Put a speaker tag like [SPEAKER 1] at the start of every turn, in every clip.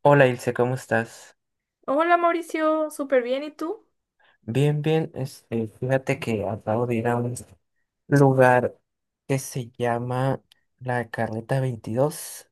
[SPEAKER 1] Hola Ilse, ¿cómo estás?
[SPEAKER 2] Hola Mauricio, súper bien, ¿y tú?
[SPEAKER 1] Bien, bien. Fíjate que acabo de ir a un lugar que se llama La Carreta veintidós.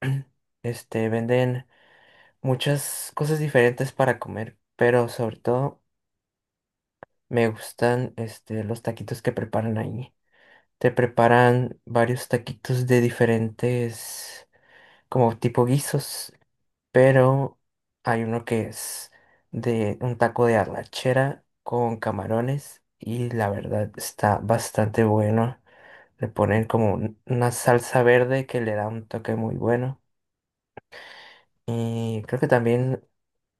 [SPEAKER 1] Venden muchas cosas diferentes para comer, pero sobre todo me gustan los taquitos que preparan ahí. Te preparan varios taquitos de diferentes, como tipo guisos. Pero hay uno que es de un taco de arrachera con camarones y la verdad está bastante bueno. Le ponen como una salsa verde que le da un toque muy bueno. Y creo que también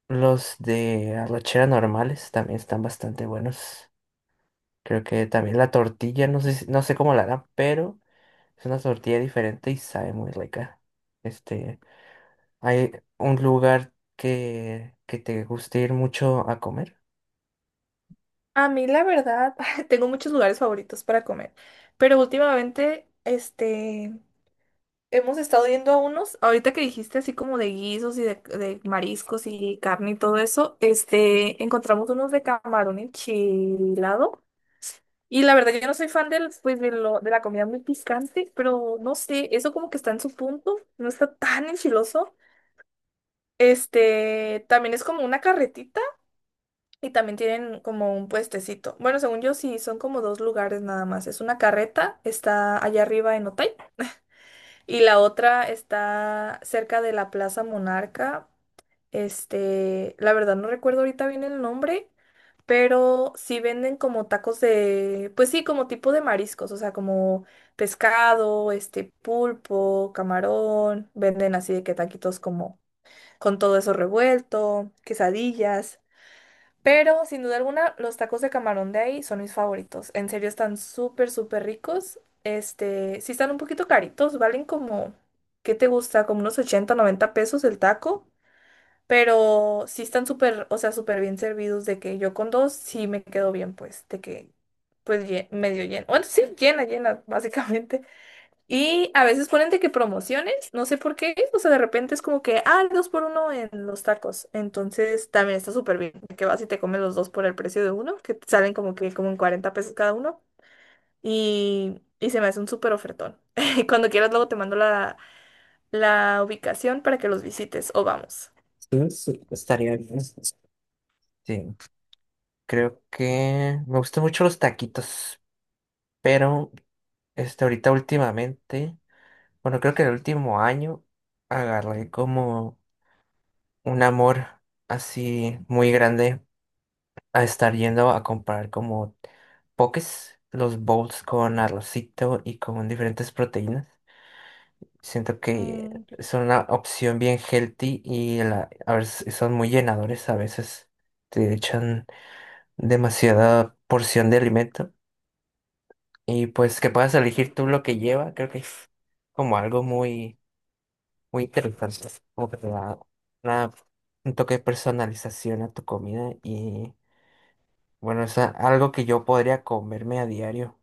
[SPEAKER 1] los de arrachera normales también están bastante buenos. Creo que también la tortilla, no sé, no sé cómo la harán, pero es una tortilla diferente y sabe muy rica. Este, ¿Hay un lugar que te guste ir mucho a comer?
[SPEAKER 2] A mí la verdad, tengo muchos lugares favoritos para comer, pero últimamente, hemos estado yendo a unos, ahorita que dijiste así como de guisos y de mariscos y carne y todo eso, encontramos unos de camarón enchilado. Y la verdad, yo no soy fan del, pues, de la comida muy picante, pero no sé, eso como que está en su punto, no está tan enchiloso. También es como una carretita. Y también tienen como un puestecito. Bueno, según yo, sí, son como dos lugares nada más. Es una carreta, está allá arriba en Otay, y la otra está cerca de la Plaza Monarca. La verdad no recuerdo ahorita bien el nombre, pero sí venden como tacos de, pues sí, como tipo de mariscos, o sea, como pescado, pulpo, camarón, venden así de que taquitos como con todo eso revuelto, quesadillas. Pero sin duda alguna, los tacos de camarón de ahí son mis favoritos. En serio, están súper, súper ricos. Sí están un poquito caritos, valen como, ¿qué te gusta? Como unos 80 90 pesos el taco. Pero sí están súper, o sea, súper bien servidos de que yo con dos sí me quedo bien, pues, de que, pues, medio lleno. Bueno, sí, llena, llena, básicamente. Y a veces ponen de que promociones, no sé por qué, o sea, de repente es como que, ah, el dos por uno en los tacos. Entonces también está súper bien, que vas y te comes los dos por el precio de uno, que te salen como que como en 40 pesos cada uno. Y se me hace un súper ofertón. Cuando quieras, luego te mando la ubicación para que los visites o vamos.
[SPEAKER 1] Sí, sí, estaría bien. Sí, creo que me gustan mucho los taquitos, pero ahorita últimamente, bueno, creo que el último año agarré como un amor así muy grande a estar yendo a comprar como pokés, los bowls con arrocito y con diferentes proteínas. Siento que
[SPEAKER 2] Mm, qué
[SPEAKER 1] es una opción bien healthy y a veces son muy llenadores, a veces te echan demasiada porción de alimento y pues que puedas elegir tú lo que lleva, creo que es como algo muy, muy interesante, como que te da una- un toque de personalización a tu comida y bueno, es algo que yo podría comerme a diario,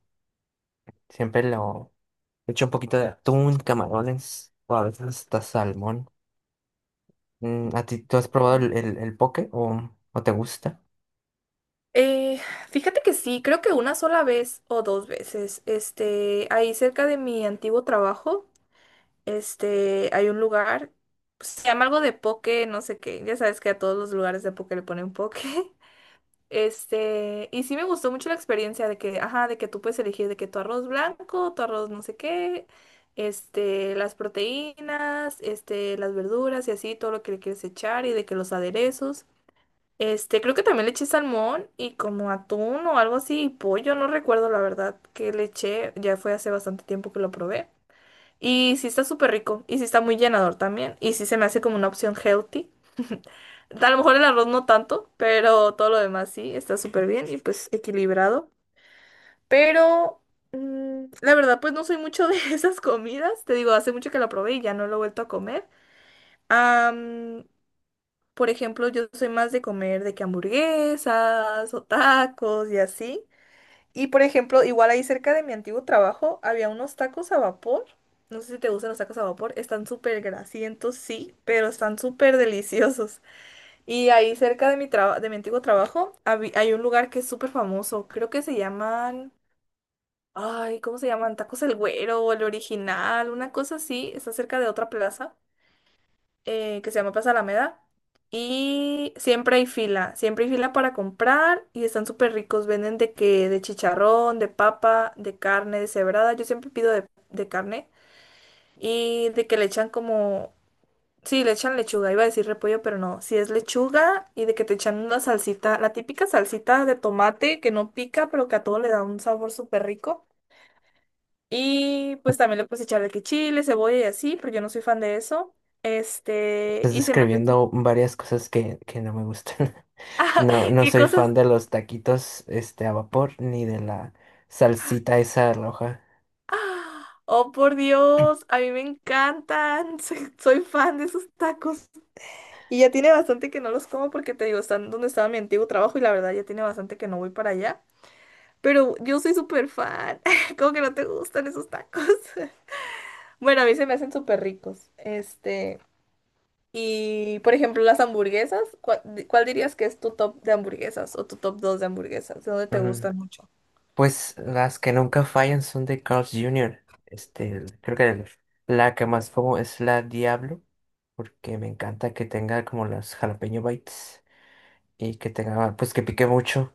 [SPEAKER 1] siempre lo echo un poquito de atún, camarones o a veces hasta salmón. Mm, ¿a ti tú has probado
[SPEAKER 2] rico.
[SPEAKER 1] el poke o te gusta?
[SPEAKER 2] Eh, fíjate que sí, creo que una sola vez o dos veces, ahí cerca de mi antiguo trabajo. Hay un lugar, pues, se llama algo de poke, no sé qué. Ya sabes que a todos los lugares de poke le ponen poke. Y sí me gustó mucho la experiencia de que, ajá, de que tú puedes elegir de que tu arroz blanco, tu arroz no sé qué, las proteínas, las verduras y así, todo lo que le quieres echar y de que los aderezos. Creo que también le eché salmón y como atún o algo así, y pollo, no recuerdo la verdad que le eché, ya fue hace bastante tiempo que lo probé. Y sí está súper rico. Y sí está muy llenador también. Y sí se me hace como una opción healthy. A lo mejor el arroz no tanto, pero todo lo demás sí está súper bien y pues equilibrado. Pero la verdad, pues no soy mucho de esas comidas. Te digo, hace mucho que la probé y ya no lo he vuelto a comer. Am, por ejemplo, yo soy más de comer de que hamburguesas o tacos y así. Y por ejemplo, igual ahí cerca de mi antiguo trabajo había unos tacos a vapor. No sé si te gustan los tacos a vapor. Están súper grasientos, sí, pero están súper deliciosos. Y ahí cerca de de mi antiguo trabajo hay un lugar que es súper famoso. Creo que se llaman. Ay, ¿cómo se llaman? Tacos El Güero o El Original, una cosa así. Está cerca de otra plaza que se llama Plaza Alameda. Y siempre hay fila para comprar y están súper ricos. Venden de que, de chicharrón, de papa, de carne, de cebrada. Yo siempre pido de carne y de que le echan como, sí, le echan lechuga. Iba a decir repollo, pero no. Si es lechuga y de que te echan una salsita, la típica salsita de tomate que no pica, pero que a todo le da un sabor súper rico. Y pues también le puedes echar de que chile, cebolla y así, pero yo no soy fan de eso. Este,
[SPEAKER 1] Estás
[SPEAKER 2] y se me hacen.
[SPEAKER 1] describiendo varias cosas que no me gustan. No, no
[SPEAKER 2] ¿Qué
[SPEAKER 1] soy fan
[SPEAKER 2] cosas?
[SPEAKER 1] de los taquitos a vapor ni de la salsita esa roja.
[SPEAKER 2] Oh, por Dios, a mí me encantan. Soy fan de esos tacos. Y ya tiene bastante que no los como porque te digo, están donde estaba mi antiguo trabajo y la verdad ya tiene bastante que no voy para allá. Pero yo soy súper fan. Como que no te gustan esos tacos. Bueno, a mí se me hacen súper ricos. Y por ejemplo, las hamburguesas, ¿cuál dirías que es tu top de hamburguesas o tu top 2 de hamburguesas? ¿De dónde te
[SPEAKER 1] Mm,
[SPEAKER 2] gustan mucho?
[SPEAKER 1] pues las que nunca fallan son de Carl's Jr. Creo que la que más como es la Diablo, porque me encanta que tenga como las jalapeño bites y que tenga, pues que pique mucho.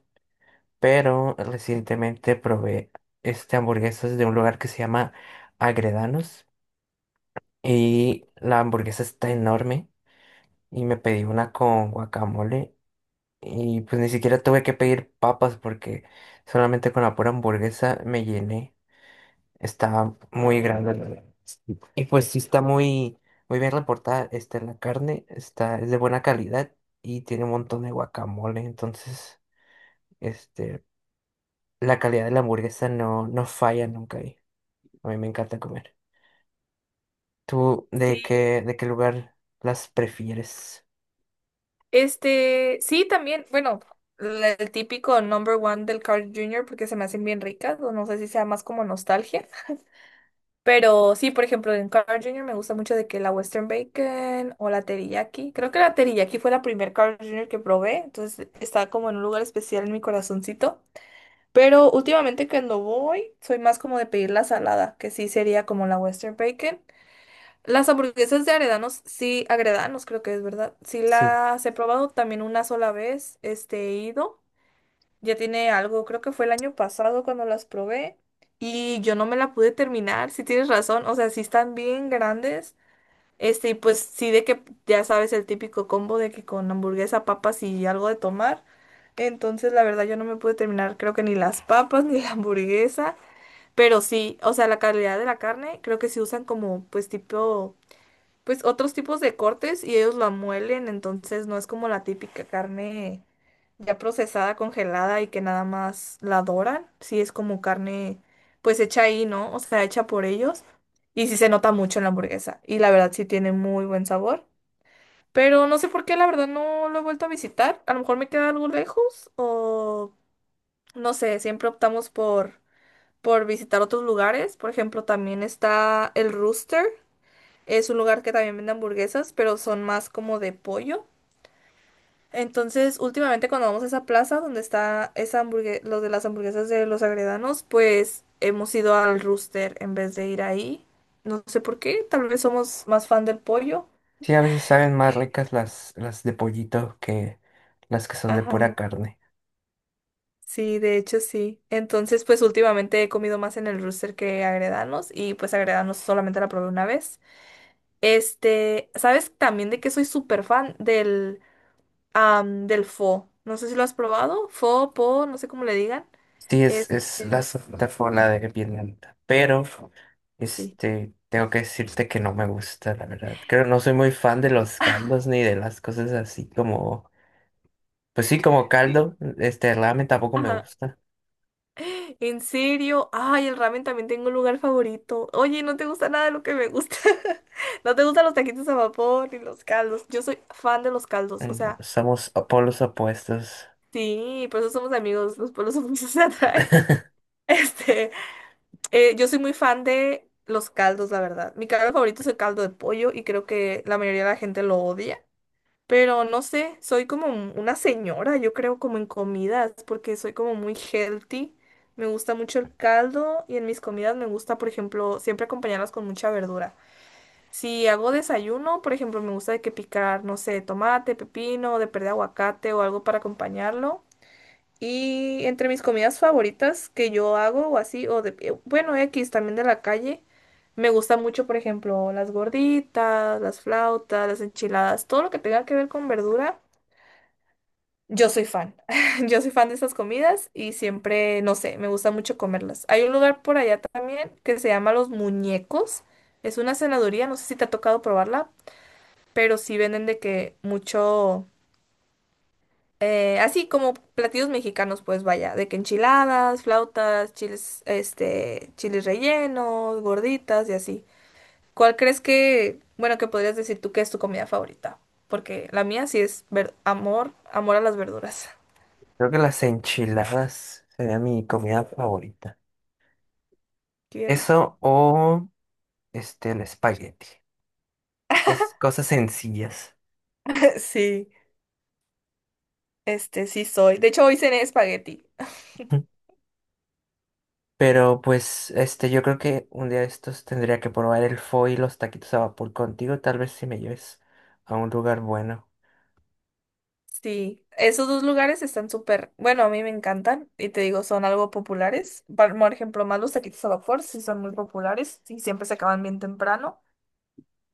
[SPEAKER 1] Pero recientemente probé hamburguesas de un lugar que se llama Agredanos y la hamburguesa está enorme y me pedí una con guacamole y pues ni siquiera tuve que pedir papas porque solamente con la pura hamburguesa me llené. Está muy grande. La Y pues sí está muy, muy bien reportada. Está en la carne, está, es de buena calidad y tiene un montón de guacamole. Entonces, este, la calidad de la hamburguesa no, no falla nunca ahí. A mí me encanta comer. ¿Tú
[SPEAKER 2] Sí,
[SPEAKER 1] de qué lugar las prefieres?
[SPEAKER 2] Sí, también, bueno, el típico number one del Carl Jr. porque se me hacen bien ricas, o no sé si sea más como nostalgia, pero sí, por ejemplo, en Carl Jr. me gusta mucho de que la Western Bacon o la teriyaki, creo que la teriyaki fue la primer Carl Jr. que probé, entonces está como en un lugar especial en mi corazoncito, pero últimamente cuando voy soy más como de pedir la salada, que sí sería como la Western Bacon las hamburguesas de Agredanos, sí, Agredanos creo que es verdad. Sí
[SPEAKER 1] Sí.
[SPEAKER 2] las he probado también una sola vez, he ido. Ya tiene algo, creo que fue el año pasado cuando las probé y yo no me la pude terminar, si tienes razón, o sea, sí están bien grandes. Y pues sí de que ya sabes el típico combo de que con hamburguesa, papas y algo de tomar. Entonces, la verdad yo no me pude terminar, creo que ni las papas ni la hamburguesa, pero sí, o sea, la calidad de la carne, creo que sí usan como pues tipo pues otros tipos de cortes y ellos la muelen, entonces no es como la típica carne ya procesada, congelada y que nada más la doran, sí es como carne pues hecha ahí, ¿no? O sea, hecha por ellos y sí se nota mucho en la hamburguesa y la verdad sí tiene muy buen sabor, pero no sé por qué la verdad no lo he vuelto a visitar, a lo mejor me queda algo lejos o no sé, siempre optamos por visitar otros lugares, por ejemplo, también está el Rooster es un lugar que también vende hamburguesas, pero son más como de pollo. Entonces, últimamente cuando vamos a esa plaza donde está esa los de las hamburguesas de los Agredanos, pues hemos ido al Rooster en vez de ir ahí. No sé por qué, tal vez somos más fan del pollo.
[SPEAKER 1] Sí, a veces saben más ricas las de pollito que las que son de
[SPEAKER 2] Ajá.
[SPEAKER 1] pura carne.
[SPEAKER 2] Sí, de hecho sí. Entonces, pues últimamente he comido más en el Rooster que Agredanos y pues Agredanos solamente la probé una vez. ¿Sabes también de qué soy súper fan? Del pho. No sé si lo has probado. Pho, po, no sé cómo le digan.
[SPEAKER 1] Sí, es la
[SPEAKER 2] Este,
[SPEAKER 1] zafrona de Vietnam. Pero,
[SPEAKER 2] sí.
[SPEAKER 1] tengo que decirte que no me gusta, la verdad. Creo no soy muy fan de los caldos ni de las cosas así como, pues sí, como
[SPEAKER 2] Sí.
[SPEAKER 1] caldo. Ramen tampoco me
[SPEAKER 2] Ajá.
[SPEAKER 1] gusta.
[SPEAKER 2] ¿En serio? Ay, el ramen también tengo un lugar favorito. Oye, no te gusta nada de lo que me gusta. No te gustan los taquitos a vapor ni los caldos. Yo soy fan de los caldos. O
[SPEAKER 1] No,
[SPEAKER 2] sea,
[SPEAKER 1] somos polos opuestos.
[SPEAKER 2] sí, por eso somos amigos. Los pueblos opuestos se atraen. Este, yo soy muy fan de los caldos, la verdad. Mi caldo favorito es el caldo de pollo y creo que la mayoría de la gente lo odia. Pero no sé, soy como una señora, yo creo, como en comidas, porque soy como muy healthy. Me gusta mucho el caldo y en mis comidas me gusta, por ejemplo, siempre acompañarlas con mucha verdura. Si hago desayuno, por ejemplo, me gusta de que picar, no sé, tomate, pepino, de perder aguacate o algo para acompañarlo. Y entre mis comidas favoritas que yo hago o así, o bueno, X también de la calle. Me gusta mucho, por ejemplo, las gorditas, las flautas, las enchiladas, todo lo que tenga que ver con verdura. Yo soy fan. Yo soy fan de esas comidas y siempre, no sé, me gusta mucho comerlas. Hay un lugar por allá también que se llama Los Muñecos. Es una cenaduría, no sé si te ha tocado probarla, pero sí venden de que mucho, así como platillos mexicanos, pues vaya, de que enchiladas, flautas, chiles, chiles rellenos, gorditas y así. ¿Cuál crees que, bueno, que podrías decir tú que es tu comida favorita? Porque la mía sí es amor, amor a las verduras.
[SPEAKER 1] Creo que las enchiladas sería mi comida favorita.
[SPEAKER 2] Qué rico.
[SPEAKER 1] Eso o el espagueti. Cosas sencillas.
[SPEAKER 2] Sí. Sí soy. De hecho, hoy cené espagueti.
[SPEAKER 1] Pero pues yo creo que un día de estos tendría que probar el pho y los taquitos a vapor contigo, tal vez si me lleves a un lugar bueno.
[SPEAKER 2] Sí, esos dos lugares están súper, bueno, a mí me encantan y te digo, son algo populares. Por ejemplo, más los taquitos a vapor, sí son muy populares y siempre se acaban bien temprano.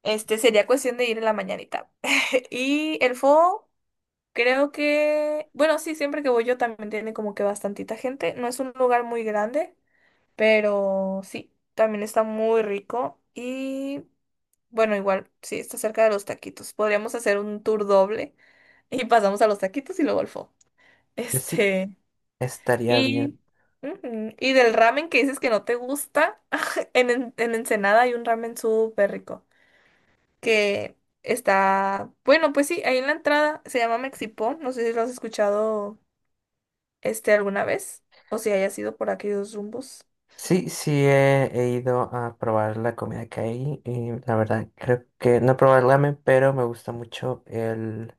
[SPEAKER 2] Sería cuestión de ir en la mañanita. Y el fo creo que, bueno, sí, siempre que voy yo también tiene como que bastantita gente. No es un lugar muy grande, pero sí, también está muy rico y, bueno, igual, sí, está cerca de los taquitos. Podríamos hacer un tour doble. Y pasamos a los taquitos y luego al pho.
[SPEAKER 1] Pues sí,
[SPEAKER 2] Este,
[SPEAKER 1] estaría
[SPEAKER 2] y,
[SPEAKER 1] bien.
[SPEAKER 2] y del ramen que dices que no te gusta, en Ensenada hay un ramen súper rico que está, bueno, pues sí, ahí en la entrada se llama Mexipó, no sé si lo has escuchado alguna vez o si hayas sido por aquellos rumbos.
[SPEAKER 1] Sí, he ido a probar la comida que hay y la verdad creo que no he probado el ramen, pero me gusta mucho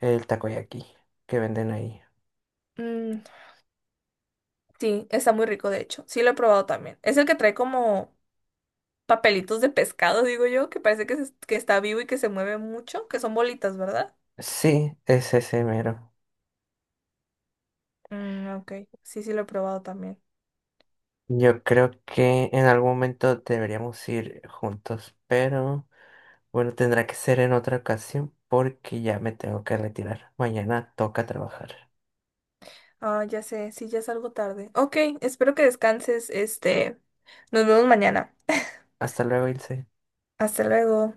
[SPEAKER 1] el takoyaki que venden ahí.
[SPEAKER 2] Mm, sí, está muy rico de hecho, sí lo he probado también. Es el que trae como papelitos de pescado, digo yo, que parece que, que está vivo y que se mueve mucho, que son bolitas, ¿verdad?
[SPEAKER 1] Sí, es ese mero.
[SPEAKER 2] Mm, ok, sí, sí lo he probado también.
[SPEAKER 1] Yo creo que en algún momento deberíamos ir juntos, pero bueno, tendrá que ser en otra ocasión porque ya me tengo que retirar. Mañana toca trabajar.
[SPEAKER 2] Ah, ya sé, sí, ya salgo tarde. Ok, espero que descanses, nos vemos mañana.
[SPEAKER 1] Hasta luego, Ilse.
[SPEAKER 2] Hasta luego.